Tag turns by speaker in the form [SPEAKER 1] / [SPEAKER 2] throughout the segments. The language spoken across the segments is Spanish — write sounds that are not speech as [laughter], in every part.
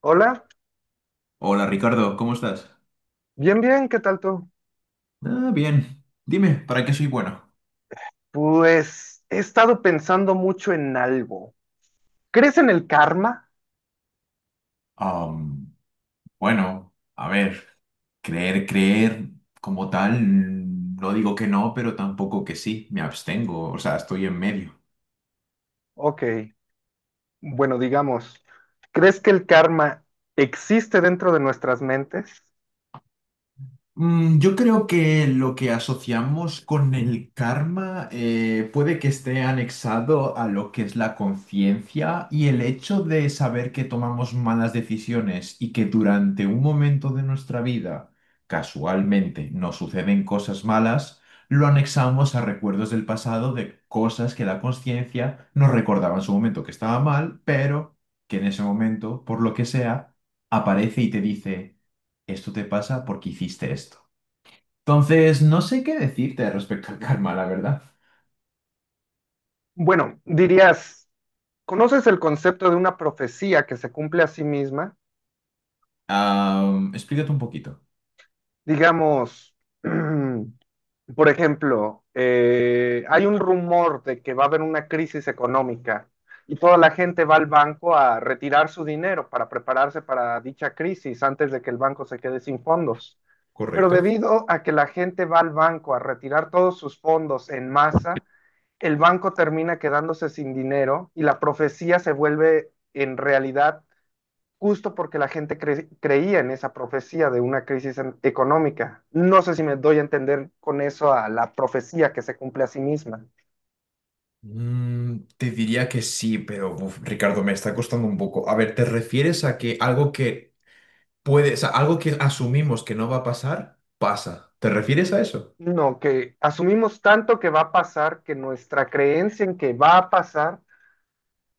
[SPEAKER 1] Hola,
[SPEAKER 2] Hola Ricardo, ¿cómo estás?
[SPEAKER 1] bien, bien, ¿qué tal tú?
[SPEAKER 2] Ah, bien. Dime, ¿para qué soy bueno?
[SPEAKER 1] Pues he estado pensando mucho en algo. ¿Crees en el karma?
[SPEAKER 2] Am, bueno, a ver, creer como tal, no digo que no, pero tampoco que sí, me abstengo, o sea, estoy en medio.
[SPEAKER 1] Ok, bueno, digamos, ¿crees que el karma existe dentro de nuestras mentes?
[SPEAKER 2] Yo creo que lo que asociamos con el karma puede que esté anexado a lo que es la conciencia y el hecho de saber que tomamos malas decisiones y que durante un momento de nuestra vida casualmente nos suceden cosas malas, lo anexamos a recuerdos del pasado de cosas que la conciencia nos recordaba en su momento que estaba mal, pero que en ese momento, por lo que sea, aparece y te dice, esto te pasa porque hiciste esto. Entonces, no sé qué decirte respecto al karma, la verdad.
[SPEAKER 1] Bueno, dirías, ¿conoces el concepto de una profecía que se cumple a sí misma?
[SPEAKER 2] Explícate un poquito.
[SPEAKER 1] Digamos, [clears throat] Por ejemplo, hay un rumor de que va a haber una crisis económica y toda la gente va al banco a retirar su dinero para prepararse para dicha crisis antes de que el banco se quede sin fondos. Pero
[SPEAKER 2] ¿Correcto?
[SPEAKER 1] debido a que la gente va al banco a retirar todos sus fondos en masa, el banco termina quedándose sin dinero y la profecía se vuelve en realidad justo porque la gente creía en esa profecía de una crisis económica. No sé si me doy a entender con eso a la profecía que se cumple a sí misma.
[SPEAKER 2] Te diría que sí, pero uf, Ricardo, me está costando un poco. A ver, ¿te refieres a que algo que puede, o sea, algo que asumimos que no va a pasar, pasa? ¿Te refieres a eso?
[SPEAKER 1] No, que asumimos tanto que va a pasar que nuestra creencia en que va a pasar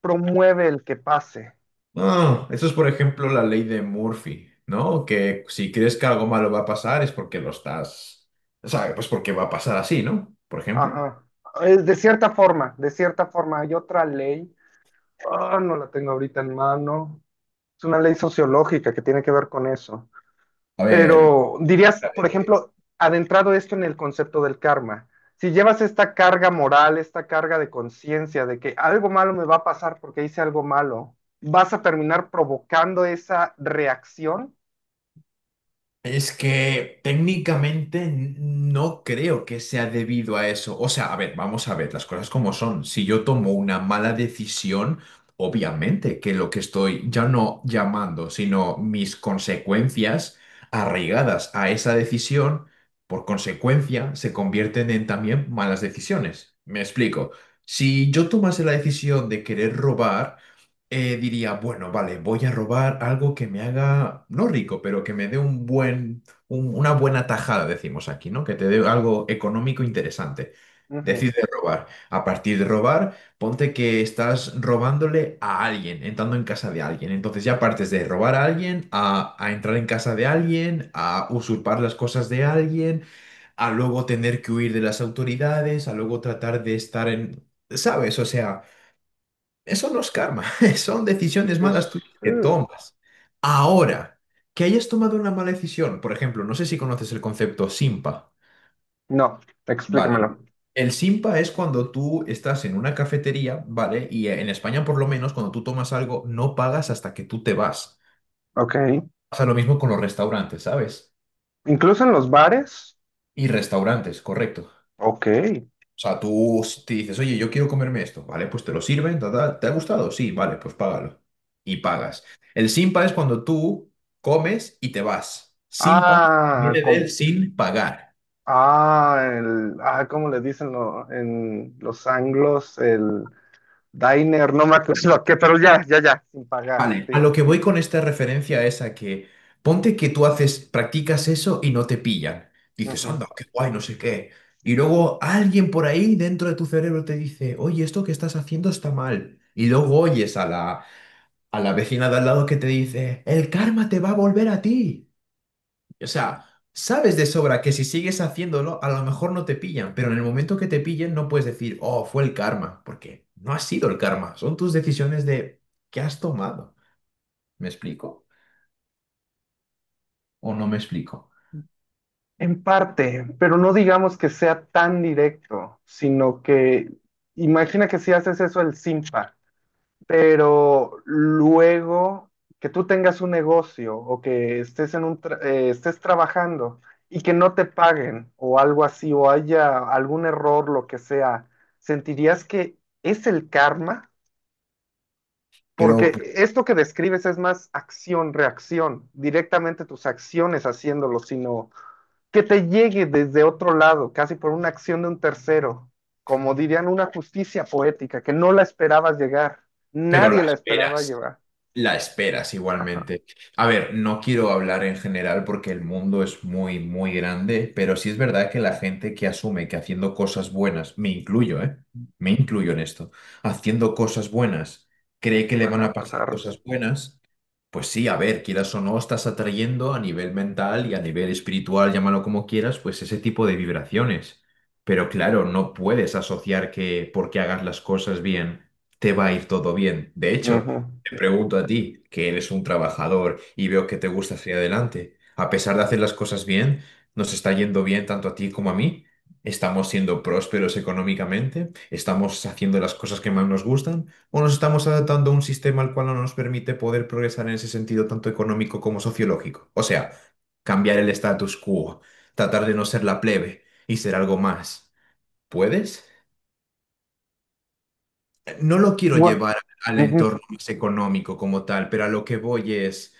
[SPEAKER 1] promueve el que pase.
[SPEAKER 2] Ah, eso es, por ejemplo, la ley de Murphy, ¿no? Que si crees que algo malo va a pasar es porque lo estás, o sea, pues porque va a pasar así, ¿no? Por ejemplo.
[SPEAKER 1] Ajá. Es de cierta forma, de cierta forma. Hay otra ley, ah, no la tengo ahorita en mano. Es una ley sociológica que tiene que ver con eso.
[SPEAKER 2] A ver.
[SPEAKER 1] Pero dirías, por
[SPEAKER 2] eh,
[SPEAKER 1] ejemplo, adentrado esto en el concepto del karma, si llevas esta carga moral, esta carga de conciencia de que algo malo me va a pasar porque hice algo malo, vas a terminar provocando esa reacción.
[SPEAKER 2] Es que técnicamente no creo que sea debido a eso. O sea, a ver, vamos a ver las cosas como son. Si yo tomo una mala decisión, obviamente que lo que estoy ya no llamando, sino mis consecuencias arraigadas a esa decisión, por consecuencia, se convierten en también malas decisiones. Me explico. Si yo tomase la decisión de querer robar, diría, bueno, vale, voy a robar algo que me haga, no rico, pero que me dé un buen, una buena tajada, decimos aquí, ¿no? Que te dé algo económico interesante.
[SPEAKER 1] Ujú.
[SPEAKER 2] Decide robar. A partir de robar, ponte que estás robándole a alguien, entrando en casa de alguien. Entonces ya partes de robar a alguien, a entrar en casa de alguien, a usurpar las cosas de alguien, a luego tener que huir de las autoridades, a luego tratar de estar en... ¿Sabes? O sea... Eso no es karma, [laughs] son decisiones
[SPEAKER 1] Es...
[SPEAKER 2] malas tuyas que
[SPEAKER 1] uh,
[SPEAKER 2] tomas. Ahora, que hayas tomado una mala decisión, por ejemplo, no sé si conoces el concepto Simpa.
[SPEAKER 1] No, explícamelo.
[SPEAKER 2] Vale. El Simpa es cuando tú estás en una cafetería, ¿vale? Y en España, por lo menos, cuando tú tomas algo, no pagas hasta que tú te vas.
[SPEAKER 1] Ok.
[SPEAKER 2] Pasa lo mismo con los restaurantes, ¿sabes?
[SPEAKER 1] Incluso en los bares.
[SPEAKER 2] Y restaurantes, correcto.
[SPEAKER 1] Ok.
[SPEAKER 2] O sea, te dices, oye, yo quiero comerme esto, ¿vale? Pues te lo sirven, ta, ta, ¿te ha gustado? Sí, vale, pues págalo. Y pagas. El simpa es cuando tú comes y te vas. Simpa
[SPEAKER 1] Ah,
[SPEAKER 2] viene del sin pagar.
[SPEAKER 1] ah, ah, ¿cómo le dicen en los anglos? El. Diner, no me acuerdo a qué, pero ya, ya, ya, sin pagar,
[SPEAKER 2] Vale, a
[SPEAKER 1] sí.
[SPEAKER 2] lo que voy con esta referencia es a que ponte que tú haces, practicas eso y no te pillan. Dices,
[SPEAKER 1] Ujú.
[SPEAKER 2] anda, qué guay, no sé qué. Y luego alguien por ahí dentro de tu cerebro te dice, oye, esto que estás haciendo está mal. Y luego oyes a a la vecina de al lado que te dice, el karma te va a volver a ti. O sea, sabes de sobra que si sigues haciéndolo, a lo mejor no te pillan, pero en el momento que te pillen no puedes decir, oh, fue el karma, porque no ha sido el karma, son tus decisiones de qué has tomado. ¿Me explico? ¿O no me explico?
[SPEAKER 1] En parte, pero no digamos que sea tan directo, sino que imagina que si haces eso el simpa, pero luego que tú tengas un negocio o que estés en un estés trabajando y que no te paguen o algo así o haya algún error, lo que sea, ¿sentirías que es el karma?
[SPEAKER 2] Pero,
[SPEAKER 1] Porque esto que describes es más acción-reacción, directamente tus acciones haciéndolo, sino que te llegue desde otro lado, casi por una acción de un tercero, como dirían, una justicia poética, que no la esperabas llegar,
[SPEAKER 2] pero
[SPEAKER 1] nadie
[SPEAKER 2] la
[SPEAKER 1] la esperaba
[SPEAKER 2] esperas.
[SPEAKER 1] llevar.
[SPEAKER 2] La esperas igualmente. A ver, no quiero hablar en general porque el mundo es muy, muy grande, pero sí es verdad que la gente que asume que haciendo cosas buenas, me incluyo, ¿eh? Me incluyo en esto, haciendo cosas buenas, cree que
[SPEAKER 1] Te
[SPEAKER 2] le
[SPEAKER 1] van
[SPEAKER 2] van
[SPEAKER 1] a
[SPEAKER 2] a pasar
[SPEAKER 1] pasar.
[SPEAKER 2] cosas buenas. Pues sí, a ver, quieras o no, estás atrayendo a nivel mental y a nivel espiritual, llámalo como quieras, pues ese tipo de vibraciones. Pero claro, no puedes asociar que porque hagas las cosas bien, te va a ir todo bien. De hecho,
[SPEAKER 1] Ujú.
[SPEAKER 2] te pregunto a ti, que eres un trabajador y veo que te gusta hacia adelante. A pesar de hacer las cosas bien, nos está yendo bien tanto a ti como a mí. Estamos siendo prósperos económicamente, estamos haciendo las cosas que más nos gustan o nos estamos adaptando a un sistema al cual no nos permite poder progresar en ese sentido tanto económico como sociológico. O sea, cambiar el status quo, tratar de no ser la plebe y ser algo más. ¿Puedes? No lo quiero
[SPEAKER 1] Bueno,
[SPEAKER 2] llevar al
[SPEAKER 1] ujú,
[SPEAKER 2] entorno más económico como tal, pero a lo que voy es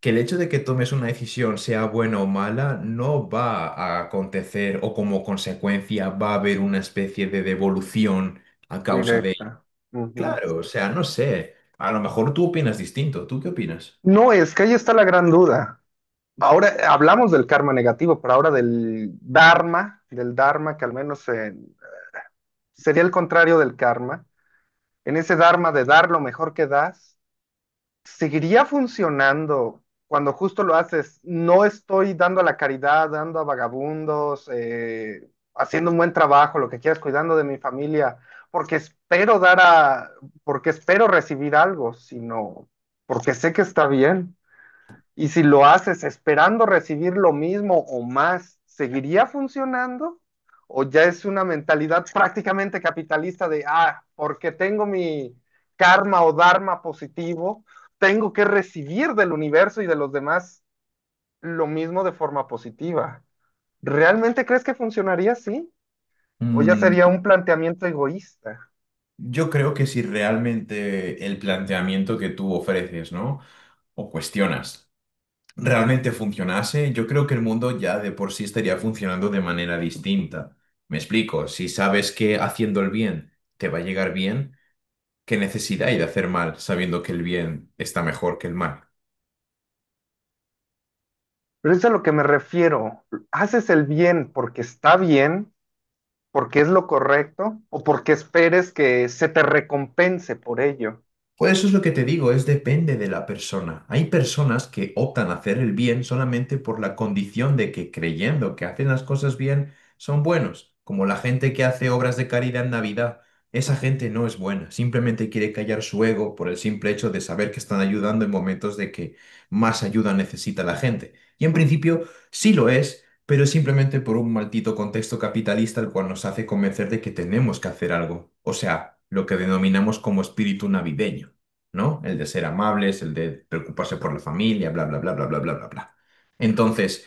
[SPEAKER 2] que el hecho de que tomes una decisión, sea buena o mala, no va a acontecer o como consecuencia va a haber una especie de devolución a causa de.
[SPEAKER 1] directa. Ujú.
[SPEAKER 2] Claro, o sea, no sé. A lo mejor tú opinas distinto. ¿Tú qué opinas?
[SPEAKER 1] No, es que ahí está la gran duda. Ahora hablamos del karma negativo, pero ahora del dharma que al menos en, sería el contrario del karma, en ese dharma de dar lo mejor que das, ¿seguiría funcionando cuando justo lo haces? No estoy dando a la caridad, dando a vagabundos, haciendo un buen trabajo, lo que quieras, cuidando de mi familia, porque espero dar a, porque espero recibir algo, sino porque sé que está bien. Y si lo haces esperando recibir lo mismo o más, ¿seguiría funcionando? ¿O ya es una mentalidad prácticamente capitalista de, ah, porque tengo mi karma o dharma positivo, tengo que recibir del universo y de los demás lo mismo de forma positiva? ¿Realmente crees que funcionaría así? ¿O ya
[SPEAKER 2] Mm,
[SPEAKER 1] sería un planteamiento egoísta?
[SPEAKER 2] yo creo que si realmente el planteamiento que tú ofreces, ¿no? O cuestionas, realmente funcionase, yo creo que el mundo ya de por sí estaría funcionando de manera distinta. Me explico, si sabes que haciendo el bien te va a llegar bien, ¿qué necesidad hay de hacer mal sabiendo que el bien está mejor que el mal?
[SPEAKER 1] Pero eso es a lo que me refiero. Haces el bien porque está bien, porque es lo correcto, o porque esperes que se te recompense por ello.
[SPEAKER 2] Pues eso es lo que te digo, es depende de la persona. Hay personas que optan a hacer el bien solamente por la condición de que creyendo que hacen las cosas bien son buenos, como la gente que hace obras de caridad en Navidad. Esa gente no es buena, simplemente quiere callar su ego por el simple hecho de saber que están ayudando en momentos de que más ayuda necesita la gente. Y en principio sí lo es, pero es simplemente por un maldito contexto capitalista el cual nos hace convencer de que tenemos que hacer algo, o sea, lo que denominamos como espíritu navideño, ¿no? El de ser amables, el de preocuparse por la familia, bla, bla, bla, bla, bla, bla, bla, bla. Entonces,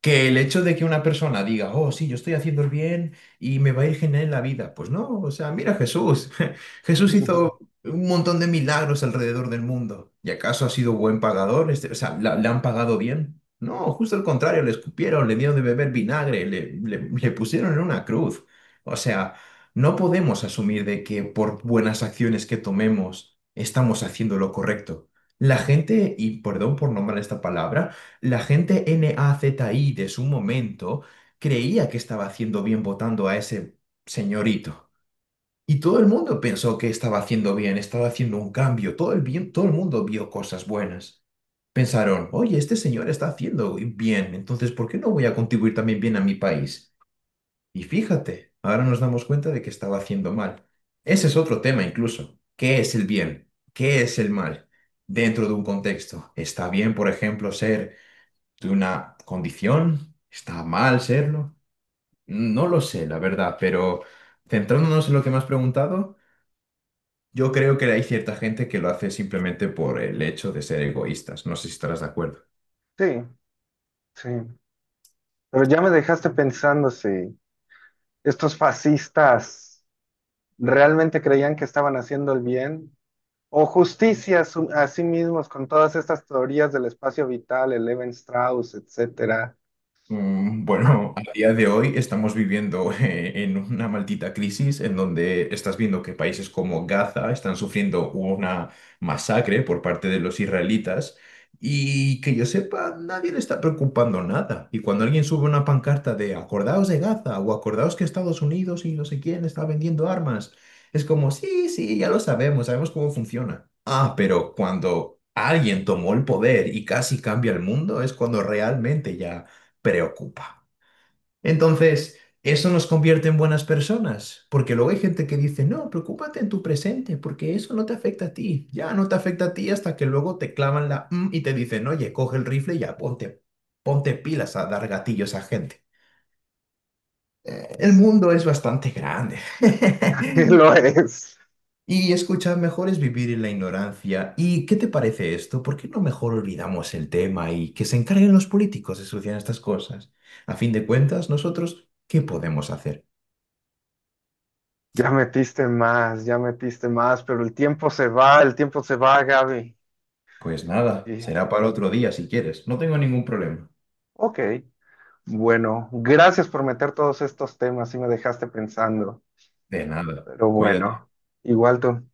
[SPEAKER 2] que el hecho de que una persona diga, oh, sí, yo estoy haciendo el bien y me va a ir genial en la vida. Pues no, o sea, mira a Jesús. [laughs] Jesús hizo
[SPEAKER 1] [laughs]
[SPEAKER 2] un montón de milagros alrededor del mundo. ¿Y acaso ha sido buen pagador? Este, o sea, le han pagado bien? No, justo al contrario, le escupieron, le dieron de beber vinagre, le pusieron en una cruz. O sea, no podemos asumir de que por buenas acciones que tomemos estamos haciendo lo correcto. La gente, y perdón por nombrar esta palabra, la gente NAZI de su momento creía que estaba haciendo bien votando a ese señorito. Y todo el mundo pensó que estaba haciendo bien, estaba haciendo un cambio. Todo el bien, todo el mundo vio cosas buenas. Pensaron, oye, este señor está haciendo bien, entonces ¿por qué no voy a contribuir también bien a mi país? Y fíjate, ahora nos damos cuenta de que estaba haciendo mal. Ese es otro tema incluso. ¿Qué es el bien? ¿Qué es el mal? Dentro de un contexto. ¿Está bien, por ejemplo, ser ¿Tuve una condición? ¿Está mal serlo? No lo sé, la verdad, pero centrándonos en lo que me has preguntado, yo creo que hay cierta gente que lo hace simplemente por el hecho de ser egoístas. No sé si estarás de acuerdo.
[SPEAKER 1] Sí, sí. Pero ya me dejaste pensando si estos fascistas realmente creían que estaban haciendo el bien o justicia a, a sí mismos con todas estas teorías del espacio vital, el Levi Strauss, etcétera. Ah,
[SPEAKER 2] Bueno, a día de hoy estamos viviendo [laughs] en una maldita crisis en donde estás viendo que países como Gaza están sufriendo una masacre por parte de los israelitas y que yo sepa, nadie le está preocupando nada. Y cuando alguien sube una pancarta de acordaos de Gaza o acordaos que Estados Unidos y no sé quién está vendiendo armas, es como, sí, sí, ya lo sabemos, sabemos cómo funciona. Ah, pero cuando alguien tomó el poder y casi cambia el mundo, es cuando realmente ya preocupa. Entonces, ¿eso nos convierte en buenas personas? Porque luego hay gente que dice, no, preocúpate en tu presente, porque eso no te afecta a ti. Ya no te afecta a ti hasta que luego te clavan la "mm" y te dicen, oye, coge el rifle y ya ponte, ponte pilas a dar gatillos a gente. El
[SPEAKER 1] es-
[SPEAKER 2] mundo es bastante grande.
[SPEAKER 1] [laughs]
[SPEAKER 2] [laughs]
[SPEAKER 1] lo es.
[SPEAKER 2] Y escucha, mejor es vivir en la ignorancia. ¿Y qué te parece esto? ¿Por qué no mejor olvidamos el tema y que se encarguen los políticos de solucionar estas cosas? A fin de cuentas, nosotros, ¿qué podemos hacer?
[SPEAKER 1] Ya metiste más, pero el tiempo se va, el tiempo se va, Gaby.
[SPEAKER 2] Pues nada,
[SPEAKER 1] Y,
[SPEAKER 2] será para otro día si quieres. No tengo ningún problema.
[SPEAKER 1] ok. Bueno, gracias por meter todos estos temas y me dejaste pensando,
[SPEAKER 2] De nada.
[SPEAKER 1] pero
[SPEAKER 2] Cuídate.
[SPEAKER 1] bueno, igual tú.